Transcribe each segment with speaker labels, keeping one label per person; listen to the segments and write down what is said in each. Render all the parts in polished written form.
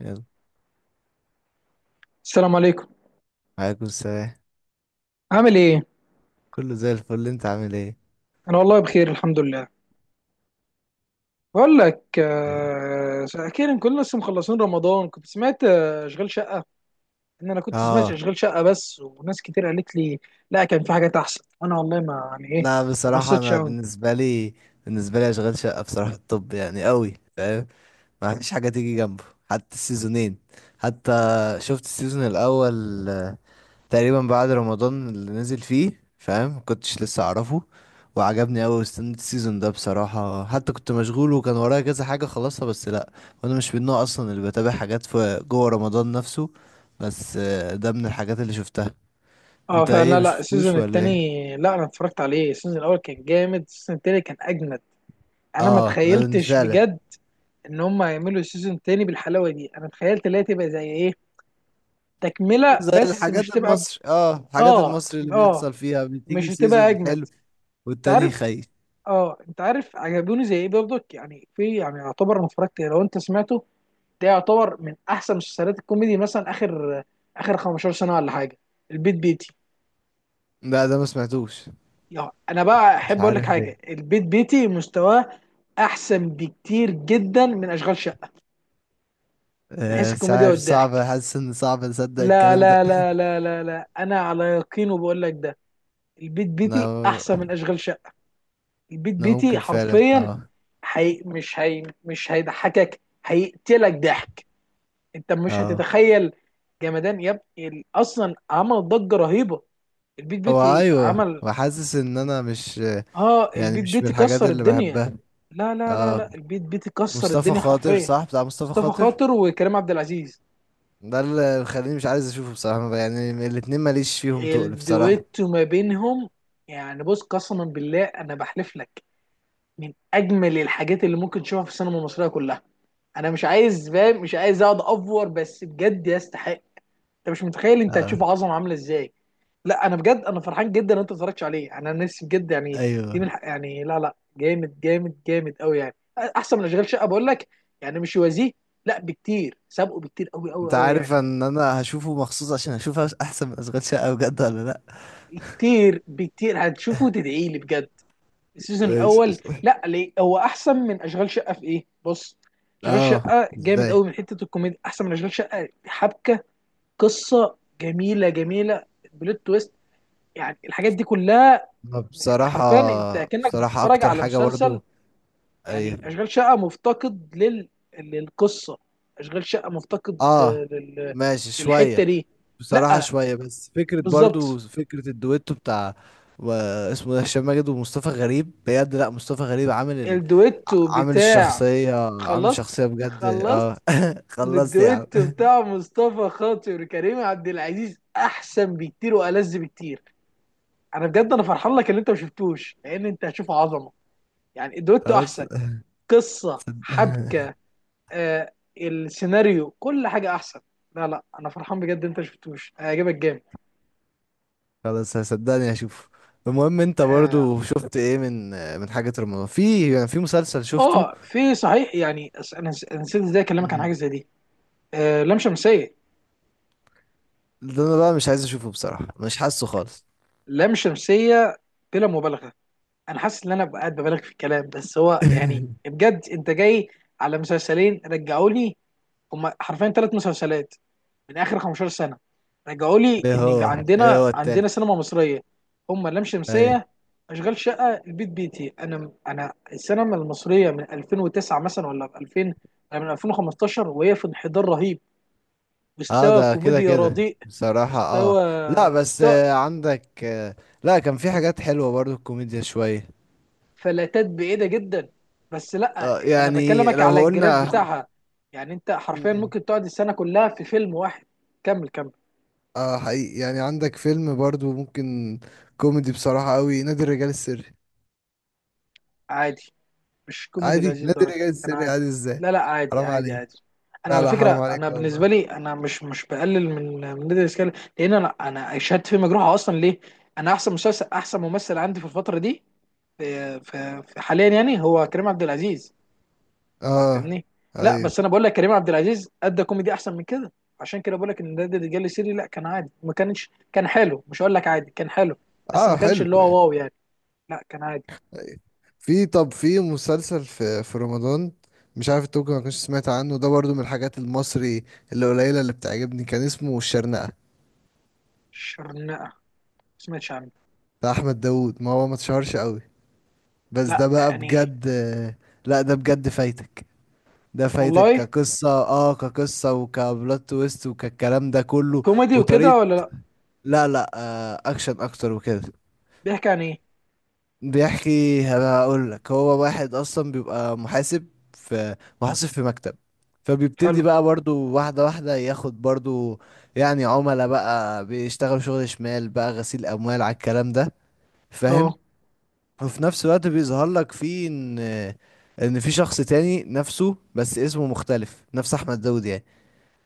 Speaker 1: يلا.
Speaker 2: السلام عليكم.
Speaker 1: عليكم السلام.
Speaker 2: عامل ايه؟
Speaker 1: كله زي الفل، انت عامل ايه؟
Speaker 2: انا والله بخير الحمد لله. بقول لك،
Speaker 1: طيب.
Speaker 2: اخيرا كنا لسه مخلصين رمضان. كنت سمعت اشغال شقه. ان انا كنت سمعت
Speaker 1: اه،
Speaker 2: اشغال شقه بس، وناس كتير قالت لي لا، كان في حاجات احسن. انا والله ما يعني ايه،
Speaker 1: لا
Speaker 2: ما
Speaker 1: بصراحة
Speaker 2: بصيتش
Speaker 1: انا
Speaker 2: قوي.
Speaker 1: بالنسبة لي، بالنسبة لي اشغال شقة بصراحة الطب يعني قوي، فاهم؟ ما فيش حاجة تيجي جنبه حتى السيزونين. حتى شفت السيزون الاول تقريبا بعد رمضان اللي نزل فيه، فاهم؟ كنتش لسه اعرفه وعجبني قوي، واستنيت السيزون ده بصراحة. حتى كنت مشغول وكان ورايا كذا حاجة خلصها، بس لا. وانا مش من النوع اصلا اللي بتابع حاجات في جوه رمضان نفسه، بس ده من الحاجات اللي شفتها.
Speaker 2: اه
Speaker 1: انت
Speaker 2: فعلا.
Speaker 1: ايه،
Speaker 2: لا، لا، السيزون
Speaker 1: مشفتوش ولا ايه؟
Speaker 2: التاني، لا، انا اتفرجت عليه. السيزون الاول كان جامد، السيزون التاني كان اجمد. انا ما
Speaker 1: اه،
Speaker 2: تخيلتش
Speaker 1: فعلا.
Speaker 2: بجد ان هم هيعملوا السيزون التاني بالحلاوه دي. انا تخيلت اللي هي تبقى زي ايه، تكمله
Speaker 1: زي
Speaker 2: بس مش
Speaker 1: الحاجات
Speaker 2: تبقى
Speaker 1: المصري، اه الحاجات
Speaker 2: اه،
Speaker 1: المصري اللي
Speaker 2: اه،
Speaker 1: بيحصل فيها
Speaker 2: مش
Speaker 1: بتيجي
Speaker 2: هتبقى
Speaker 1: سيزون
Speaker 2: اجمد.
Speaker 1: حلو
Speaker 2: انت
Speaker 1: والتاني
Speaker 2: عارف؟
Speaker 1: خايف.
Speaker 2: اه، انت عارف، عجبوني زي ايه برضك يعني، في يعني، يعتبر انا اتفرجت لو انت سمعته، ده يعتبر من احسن مسلسلات الكوميدي مثلا، اخر 15 سنه ولا حاجه. البيت بيتي.
Speaker 1: لا ده ما سمعتوش،
Speaker 2: يعني انا بقى
Speaker 1: مش
Speaker 2: احب اقول لك
Speaker 1: عارف ليه.
Speaker 2: حاجه، البيت بيتي مستواه احسن بكتير جدا من اشغال شقه من حيث
Speaker 1: مش
Speaker 2: الكوميديا
Speaker 1: عارف، صعب،
Speaker 2: والضحك.
Speaker 1: حاسس ان صعب اصدق
Speaker 2: لا،
Speaker 1: الكلام ده.
Speaker 2: لا، لا، لا، لا، لا، انا على يقين وبقول لك ده. البيت بيتي
Speaker 1: انا
Speaker 2: احسن من اشغال شقه. البيت
Speaker 1: انا
Speaker 2: بيتي
Speaker 1: ممكن فعلا،
Speaker 2: حرفيا.
Speaker 1: اه.
Speaker 2: مش مش هيضحكك، هيقتلك ضحك. انت مش
Speaker 1: اه
Speaker 2: هتتخيل. جمدان يا ابني. اصلا عمل ضجة رهيبة. البيت
Speaker 1: هو
Speaker 2: بيتي
Speaker 1: ايوه،
Speaker 2: عمل.
Speaker 1: وحاسس ان انا مش
Speaker 2: اه،
Speaker 1: يعني
Speaker 2: البيت
Speaker 1: مش من
Speaker 2: بيتي
Speaker 1: الحاجات
Speaker 2: كسر
Speaker 1: اللي
Speaker 2: الدنيا.
Speaker 1: بحبها.
Speaker 2: لا، لا، لا،
Speaker 1: اه
Speaker 2: لا، البيت بيتي كسر
Speaker 1: مصطفى
Speaker 2: الدنيا
Speaker 1: خاطر
Speaker 2: حرفيا.
Speaker 1: صح، بتاع مصطفى
Speaker 2: مصطفى
Speaker 1: خاطر؟
Speaker 2: خاطر وكريم عبد العزيز.
Speaker 1: ده اللي مخليني مش عايز اشوفه بصراحة، يعني الاتنين ماليش فيهم تقل بصراحة.
Speaker 2: الدويتو ما بينهم. يعني بص، قسما بالله انا بحلف لك، من اجمل الحاجات اللي ممكن تشوفها في السينما المصرية كلها. انا مش عايز، فاهم، مش عايز اقعد افور، بس بجد يستحق. انت مش متخيل، انت
Speaker 1: اه.
Speaker 2: هتشوف عظمه عامله ازاي. لا، انا بجد انا فرحان جدا ان انت ما اتفرجتش عليه، انا نفسي بجد يعني. دي
Speaker 1: ايوه.
Speaker 2: من يعني، لا، لا، جامد جامد جامد قوي يعني احسن من اشغال شقه، بقول لك. يعني مش يوازيه. لا، بكتير سابقه بكتير قوي قوي
Speaker 1: انت
Speaker 2: قوي يعني.
Speaker 1: عارف ان انا هشوفه مخصوص عشان اشوف احسن من اشغال شقة بجد ولا لا؟
Speaker 2: كتير بكتير، هتشوفه تدعي لي بجد. السيزون
Speaker 1: ماشي،
Speaker 2: الاول.
Speaker 1: قشطة.
Speaker 2: لا، ليه هو احسن من اشغال شقه في ايه؟ بص، اشغال
Speaker 1: اه
Speaker 2: شقه جامد
Speaker 1: ازاي؟
Speaker 2: قوي من حته الكوميديا، احسن من اشغال شقه حبكه، قصه جميله جميله، بلوت تويست. يعني الحاجات دي كلها،
Speaker 1: ما
Speaker 2: يعني
Speaker 1: بصراحة،
Speaker 2: حرفيا انت كأنك
Speaker 1: بصراحة
Speaker 2: بتتفرج
Speaker 1: اكتر
Speaker 2: على
Speaker 1: حاجة
Speaker 2: مسلسل.
Speaker 1: برضو.
Speaker 2: يعني
Speaker 1: ايوه.
Speaker 2: اشغال شقه مفتقد للقصه. اشغال شقه مفتقد
Speaker 1: اه. ماشي،
Speaker 2: للحته
Speaker 1: شوية.
Speaker 2: دي.
Speaker 1: بصراحة
Speaker 2: لا،
Speaker 1: شوية، بس فكرة برضو،
Speaker 2: بالظبط،
Speaker 1: فكرة الدويتو بتاع و- اسمه ده هشام ماجد ومصطفى غريب، بجد. لا مصطفى غريب عامل ال...
Speaker 2: الدويتو
Speaker 1: عامل
Speaker 2: بتاع.
Speaker 1: الشخصية، عامل
Speaker 2: خلصت
Speaker 1: شخصية بجد، اه
Speaker 2: خلصت.
Speaker 1: خلصت يا عم.
Speaker 2: والدويتو بتاع مصطفى خاطر وكريم عبد العزيز احسن بكتير والذ بكتير. انا بجد انا فرحان لك اللي انت ما شفتوش، لان انت هتشوف عظمه. يعني الدويتو
Speaker 1: خلاص
Speaker 2: احسن، قصه،
Speaker 1: هصد-
Speaker 2: حبكه، السيناريو، كل حاجه احسن. لا، لا، انا فرحان بجد. انت شفتوش هيعجبك جامد.
Speaker 1: خلاص، هصدقني هشوف. المهم انت
Speaker 2: اه.
Speaker 1: برضو شفت ايه من من حاجة رمضان؟ في يعني في مسلسل شفته؟
Speaker 2: في صحيح يعني أنا نسيت ازاي اكلمك عن
Speaker 1: مم.
Speaker 2: حاجه زي دي. آه، لام شمسيه.
Speaker 1: ده انا بقى مش عايز اشوفه بصراحة، مش حاسه خالص
Speaker 2: لام شمسيه، بلا مبالغه. انا حاسس ان انا قاعد ببالغ في الكلام. بس هو يعني بجد، انت جاي على مسلسلين رجعوا لي، هما حرفيا 3 مسلسلات من اخر 15 سنه رجعوا لي
Speaker 1: ايه
Speaker 2: ان في
Speaker 1: هو، ايه
Speaker 2: عندنا
Speaker 1: هو
Speaker 2: عندنا
Speaker 1: التالت؟
Speaker 2: سينما مصريه. هم لام
Speaker 1: ايوه.
Speaker 2: شمسيه، اشغال شقه، البيت بيتي. انا السينما المصريه من 2009 مثلا، ولا من 2000، ولا من 2015 وهي في انحدار رهيب.
Speaker 1: اه
Speaker 2: مستوى
Speaker 1: ده كده
Speaker 2: كوميديا
Speaker 1: كده
Speaker 2: رديء.
Speaker 1: بصراحة، اه.
Speaker 2: مستوى
Speaker 1: لا بس
Speaker 2: مستوى
Speaker 1: عندك لا كان في حاجات حلوة برضو، الكوميديا شوية.
Speaker 2: فلاتات بعيده جدا. بس لا،
Speaker 1: آه
Speaker 2: انا
Speaker 1: يعني
Speaker 2: بكلمك
Speaker 1: لو
Speaker 2: على الجراف
Speaker 1: قلنا.
Speaker 2: بتاعها. يعني انت حرفيا
Speaker 1: مم.
Speaker 2: ممكن تقعد السنه كلها في فيلم واحد. كمل كمل.
Speaker 1: اه حقيقي، يعني عندك فيلم برضو ممكن كوميدي بصراحة قوي، نادي الرجال السري.
Speaker 2: عادي. مش كوميدي
Speaker 1: عادي؟
Speaker 2: لهذه
Speaker 1: نادي
Speaker 2: الدرجه،
Speaker 1: الرجال
Speaker 2: كان
Speaker 1: السري
Speaker 2: عادي.
Speaker 1: عادي ازاي؟
Speaker 2: لا، لا، عادي،
Speaker 1: حرام
Speaker 2: عادي،
Speaker 1: عليك.
Speaker 2: عادي. انا
Speaker 1: لا
Speaker 2: على
Speaker 1: لا حرام
Speaker 2: فكره، انا
Speaker 1: عليك والله.
Speaker 2: بالنسبه لي، انا مش بقلل من نادي الاسكال، لان انا شهادتي في مجروحه اصلا، ليه؟ انا احسن مسلسل، احسن ممثل عندي في الفتره دي، في حاليا يعني، هو كريم عبد العزيز.
Speaker 1: اه.
Speaker 2: فاهمني؟ لا
Speaker 1: ايوه.
Speaker 2: بس انا بقول لك كريم عبد العزيز ادى كوميدي احسن من كده. عشان كده بقول لك ان نادي الرجال السري، لا، كان عادي. ما كانش، كان حلو. مش هقول لك عادي، كان حلو. بس
Speaker 1: اه
Speaker 2: ما كانش
Speaker 1: حلو
Speaker 2: اللي هو
Speaker 1: يعني.
Speaker 2: واو يعني. لا، كان عادي.
Speaker 1: في، طب في مسلسل في في رمضان، مش عارف انت ممكن ما كنتش سمعت عنه، ده برضو من الحاجات المصري اللي قليلة اللي بتعجبني، كان اسمه الشرنقة
Speaker 2: شرنقه ما سمعتش عنه.
Speaker 1: بتاع احمد داوود. ما هو ما اتشهرش قوي، بس ده
Speaker 2: لا
Speaker 1: بقى
Speaker 2: يعني.
Speaker 1: بجد. لا ده بجد فايتك، ده فايتك
Speaker 2: والله
Speaker 1: كقصة، اه كقصة وكبلوت تويست وكالكلام ده كله،
Speaker 2: كوميدي وكده
Speaker 1: وطريقة.
Speaker 2: ولا لا؟
Speaker 1: لا لا آه اكشن اكتر وكده.
Speaker 2: بيحكي عن ايه؟
Speaker 1: بيحكي، هقول لك، هو واحد اصلا بيبقى محاسب في، محاسب في مكتب. فبيبتدي
Speaker 2: حلو.
Speaker 1: بقى برضو واحدة واحدة ياخد برضو يعني عملاء بقى، بيشتغل شغل شمال بقى، غسيل اموال على الكلام ده، فاهم؟
Speaker 2: اه.
Speaker 1: وفي نفس الوقت بيظهر لك فيه ان ان في شخص تاني نفسه بس اسمه مختلف، نفس احمد داود يعني.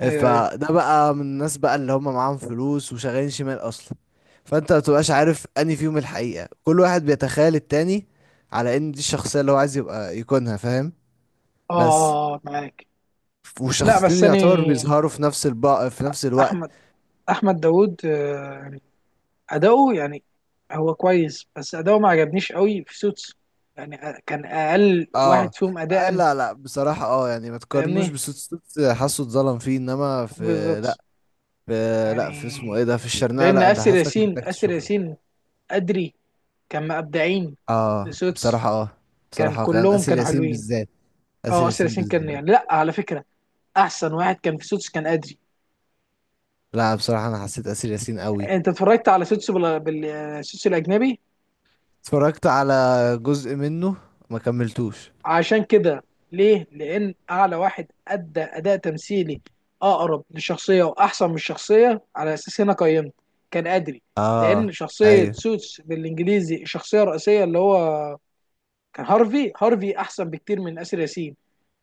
Speaker 1: إيه،
Speaker 2: ايوه، ايوه.
Speaker 1: فده بقى من الناس بقى اللي هم معاهم فلوس وشغالين شمال اصلا. فانت ما بتبقاش عارف انهي فيهم الحقيقة، كل واحد بيتخيل التاني على ان دي الشخصية اللي هو عايز يبقى يكونها، فاهم؟
Speaker 2: اه،
Speaker 1: بس
Speaker 2: اه. آه، أه، معاك. لا
Speaker 1: والشخصيتين
Speaker 2: بس انا،
Speaker 1: يعتبر بيظهروا في نفس في نفس الوقت.
Speaker 2: احمد احمد داوود، يعني اداؤه يعني، هو كويس بس اداؤه ما عجبنيش قوي في سوتس يعني. كان اقل
Speaker 1: اه.
Speaker 2: واحد فيهم اداء.
Speaker 1: لا لا بصراحة، اه يعني ما تقارنوش
Speaker 2: فاهمني؟
Speaker 1: بصوت، صوت حاسه اتظلم فيه، انما
Speaker 2: بالظبط
Speaker 1: لا في لا في اسمه
Speaker 2: يعني.
Speaker 1: ايه ده، في الشرنقة،
Speaker 2: لان
Speaker 1: لا انت
Speaker 2: اسر
Speaker 1: حاسك
Speaker 2: ياسين
Speaker 1: محتاج
Speaker 2: اسر
Speaker 1: تشوفه.
Speaker 2: ياسين ادري كان مبدعين في
Speaker 1: اه
Speaker 2: سوتس.
Speaker 1: بصراحة، اه.
Speaker 2: كان
Speaker 1: بصراحة كان
Speaker 2: كلهم
Speaker 1: آسر
Speaker 2: كانوا
Speaker 1: ياسين
Speaker 2: حلوين.
Speaker 1: بالذات، آسر
Speaker 2: اه، اسر
Speaker 1: ياسين
Speaker 2: ياسين كان
Speaker 1: بالذات.
Speaker 2: يعني، لا على فكره، احسن واحد كان في سوتس كان ادري.
Speaker 1: لا بصراحة أنا حسيت آسر ياسين قوي.
Speaker 2: انت اتفرجت على سوتسو بالسوتسو الاجنبي؟
Speaker 1: اتفرجت على جزء منه، ما كملتوش.
Speaker 2: عشان كده. ليه؟ لان اعلى واحد ادى اداء تمثيلي اقرب للشخصيه واحسن من الشخصيه على اساس هنا قيمت، كان ادري. لان
Speaker 1: اه.
Speaker 2: شخصيه
Speaker 1: ايوه.
Speaker 2: سوتس بالانجليزي، الشخصيه الرئيسيه اللي هو كان هارفي، هارفي احسن بكتير من اسر ياسين.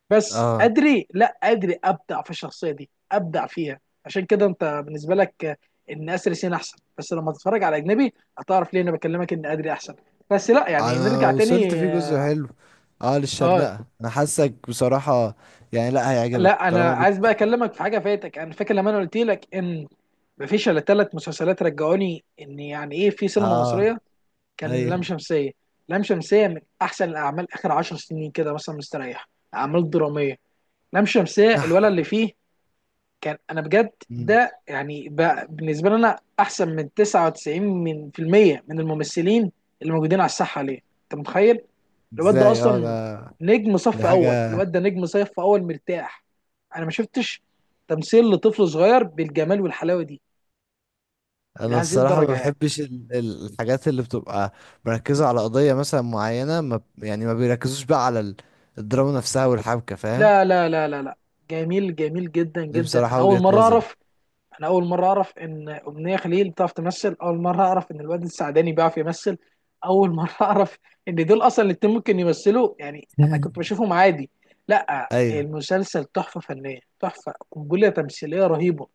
Speaker 2: بس
Speaker 1: اه
Speaker 2: ادري، لا ادري ابدع في الشخصيه دي، ابدع فيها. عشان كده انت بالنسبه لك ان اسر ياسين احسن، بس لما تتفرج على اجنبي هتعرف ليه انا بكلمك ان ادري احسن. بس لا يعني
Speaker 1: انا
Speaker 2: نرجع
Speaker 1: وصلت
Speaker 2: تاني.
Speaker 1: فيه جزء
Speaker 2: اه.
Speaker 1: حلو، اه
Speaker 2: آه،
Speaker 1: للشرنقة. انا حاسك بصراحة يعني، لا هيعجبك
Speaker 2: لا انا
Speaker 1: طالما بت.
Speaker 2: عايز بقى اكلمك في حاجه فاتك. انا فاكر لما انا قلت لك ان مفيش الا ثلاث مسلسلات رجعوني ان يعني ايه في سينما
Speaker 1: اه.
Speaker 2: مصريه. كان لام
Speaker 1: ايوه.
Speaker 2: شمسيه. لام شمسيه من احسن الاعمال اخر 10 سنين كده مثلا، مستريح، اعمال دراميه. لام شمسيه الولد
Speaker 1: نح.
Speaker 2: اللي فيه كان، انا بجد
Speaker 1: مم.
Speaker 2: ده يعني بقى بالنسبه لي، انا احسن من 99 من في المية من الممثلين اللي موجودين على الساحه. ليه؟ انت متخيل؟ الواد ده
Speaker 1: ازاي، اه
Speaker 2: اصلا
Speaker 1: ده
Speaker 2: نجم
Speaker 1: دي
Speaker 2: صف اول.
Speaker 1: حاجة.
Speaker 2: الواد ده نجم صف اول، مرتاح. انا ما شفتش تمثيل لطفل صغير بالجمال والحلاوه دي
Speaker 1: انا
Speaker 2: لهذه
Speaker 1: الصراحة ما
Speaker 2: الدرجه يعني.
Speaker 1: بحبش الحاجات اللي بتبقى مركزة على قضية مثلا معينة، ما ب- يعني ما بيركزوش بقى على الدراما نفسها والحبكة، فاهم؟
Speaker 2: لا، لا، لا، لا، لا، جميل جميل جدا
Speaker 1: دي
Speaker 2: جدا. انا
Speaker 1: بصراحة
Speaker 2: اول
Speaker 1: وجهة
Speaker 2: مره
Speaker 1: نظر
Speaker 2: اعرف. انا اول مره اعرف ان امنيه خليل بتعرف تمثل. اول مره اعرف ان الواد السعداني بيعرف يمثل. اول مره اعرف ان دول اصلا الاتنين ممكن يمثلوا، يعني انا كنت بشوفهم عادي. لا،
Speaker 1: ايوه.
Speaker 2: المسلسل تحفه فنيه، تحفه، قنبله تمثيليه رهيبه.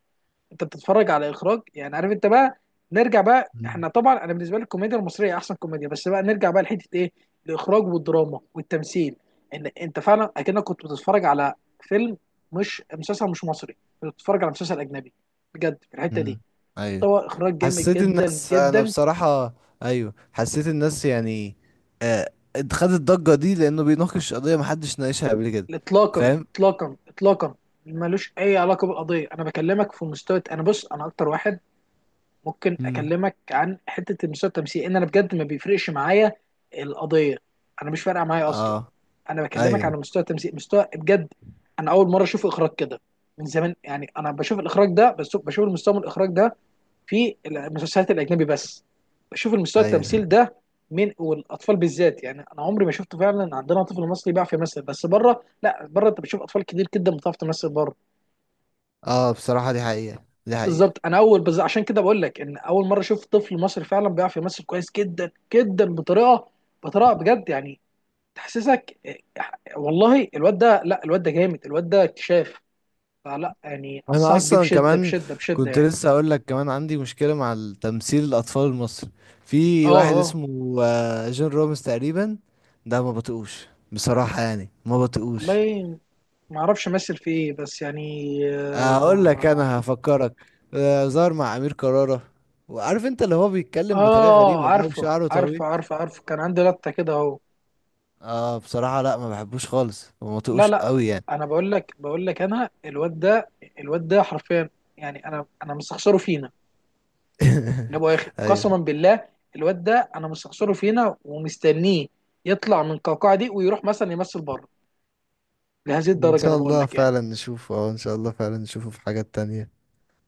Speaker 2: انت بتتفرج على اخراج يعني، عارف انت بقى. نرجع بقى
Speaker 1: مم.
Speaker 2: احنا، طبعا انا بالنسبه لي الكوميديا المصريه احسن كوميديا، بس بقى نرجع بقى لحته ايه؟ الاخراج والدراما والتمثيل. ان انت فعلا اكنك كنت بتتفرج على فيلم، مش مسلسل، مش مصري، كنت بتتفرج على مسلسل اجنبي بجد في الحته دي.
Speaker 1: مم. ايوه
Speaker 2: مستوى اخراج جامد
Speaker 1: حسيت
Speaker 2: جدا
Speaker 1: الناس، انا
Speaker 2: جدا.
Speaker 1: بصراحة، ايوه حسيت الناس يعني، آه، خدت الضجة دي لانه بيناقش قضية محدش ناقشها قبل كده،
Speaker 2: اطلاقا،
Speaker 1: فاهم؟
Speaker 2: اطلاقا، اطلاقا، ملوش اي علاقه بالقضيه. انا بكلمك في مستوى. انا بص، انا اكتر واحد ممكن
Speaker 1: مم.
Speaker 2: اكلمك عن حته المستوى التمثيلي، ان انا بجد ما بيفرقش معايا القضيه. انا مش فارقه معايا اصلا.
Speaker 1: اه.
Speaker 2: انا بكلمك عن
Speaker 1: ايوه.
Speaker 2: مستوى التمثيل، مستوى بجد. انا اول مره اشوف اخراج كده من زمان يعني. انا بشوف الاخراج ده بس بشوف المستوى من الاخراج ده في المسلسلات الاجنبي بس، بشوف المستوى
Speaker 1: ايوه.
Speaker 2: التمثيل ده. من، والاطفال بالذات يعني، انا عمري ما شفته فعلا عندنا طفل مصري بيعرف يمثل. بس بره، لا بره انت بتشوف اطفال كتير جدا بتعرف تمثل بره.
Speaker 1: اه بصراحة دي حقيقة، دي حقيقة.
Speaker 2: بالظبط، انا اول بس عشان كده بقول لك ان اول مره اشوف طفل مصري فعلا بيعرف يمثل كويس جدا جدا بطريقه بجد يعني، تحسسك. والله الواد ده، لا الواد ده جامد، الواد ده اكتشاف. فلا يعني
Speaker 1: انا
Speaker 2: انصحك بيه
Speaker 1: اصلا
Speaker 2: بشده
Speaker 1: كمان
Speaker 2: بشده بشده
Speaker 1: كنت
Speaker 2: يعني.
Speaker 1: لسه اقول لك، كمان عندي مشكلة مع تمثيل الاطفال المصري.
Speaker 2: اه،
Speaker 1: في واحد
Speaker 2: اه،
Speaker 1: اسمه آه جون رامز تقريبا، ده ما بطيقوش بصراحة يعني، ما بطيقوش.
Speaker 2: والله ما اعرفش امثل في ايه بس يعني.
Speaker 1: اقول
Speaker 2: ما
Speaker 1: لك
Speaker 2: ما
Speaker 1: انا هفكرك، ظهر مع امير كرارة. وعارف انت اللي هو بيتكلم بطريقه
Speaker 2: اه،
Speaker 1: غريبه ده
Speaker 2: عارفه،
Speaker 1: وشعره طويل.
Speaker 2: عارفه، عارفه، عارفه كان عندي لقطه كده اهو.
Speaker 1: اه بصراحه لا ما بحبوش خالص، وما
Speaker 2: لا،
Speaker 1: طيقوش
Speaker 2: لا،
Speaker 1: قوي يعني.
Speaker 2: انا بقول لك انا الواد ده. الواد ده حرفيا يعني، انا مستخسره فينا. انا ابو اخر
Speaker 1: ايوه
Speaker 2: قسما بالله. الواد ده، انا مستخسره فينا ومستنيه يطلع من القوقعه دي ويروح مثلا يمثل بره. لهذه
Speaker 1: ان
Speaker 2: الدرجه انا
Speaker 1: شاء
Speaker 2: بقول
Speaker 1: الله
Speaker 2: لك يعني.
Speaker 1: فعلا نشوفه، اه ان شاء الله فعلا نشوفه في حاجات تانية.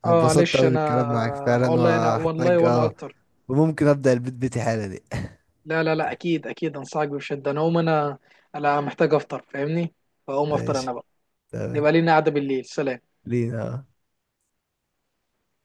Speaker 1: أنا
Speaker 2: اه،
Speaker 1: اتبسطت
Speaker 2: معلش
Speaker 1: قوي
Speaker 2: انا.
Speaker 1: بالكلام معاك فعلا،
Speaker 2: والله انا، والله
Speaker 1: وهحتاج
Speaker 2: وانا
Speaker 1: اه
Speaker 2: اكتر.
Speaker 1: وممكن ابدا البيت بيتي حالا دي
Speaker 2: لا، لا، لا، اكيد، اكيد انصحك بشده. انا اقوم، انا محتاج افطر، فاهمني؟ فاقوم افطر انا
Speaker 1: ماشي،
Speaker 2: بقى.
Speaker 1: تمام.
Speaker 2: نبقى لينا قعده بالليل. سلام.
Speaker 1: لينا آه.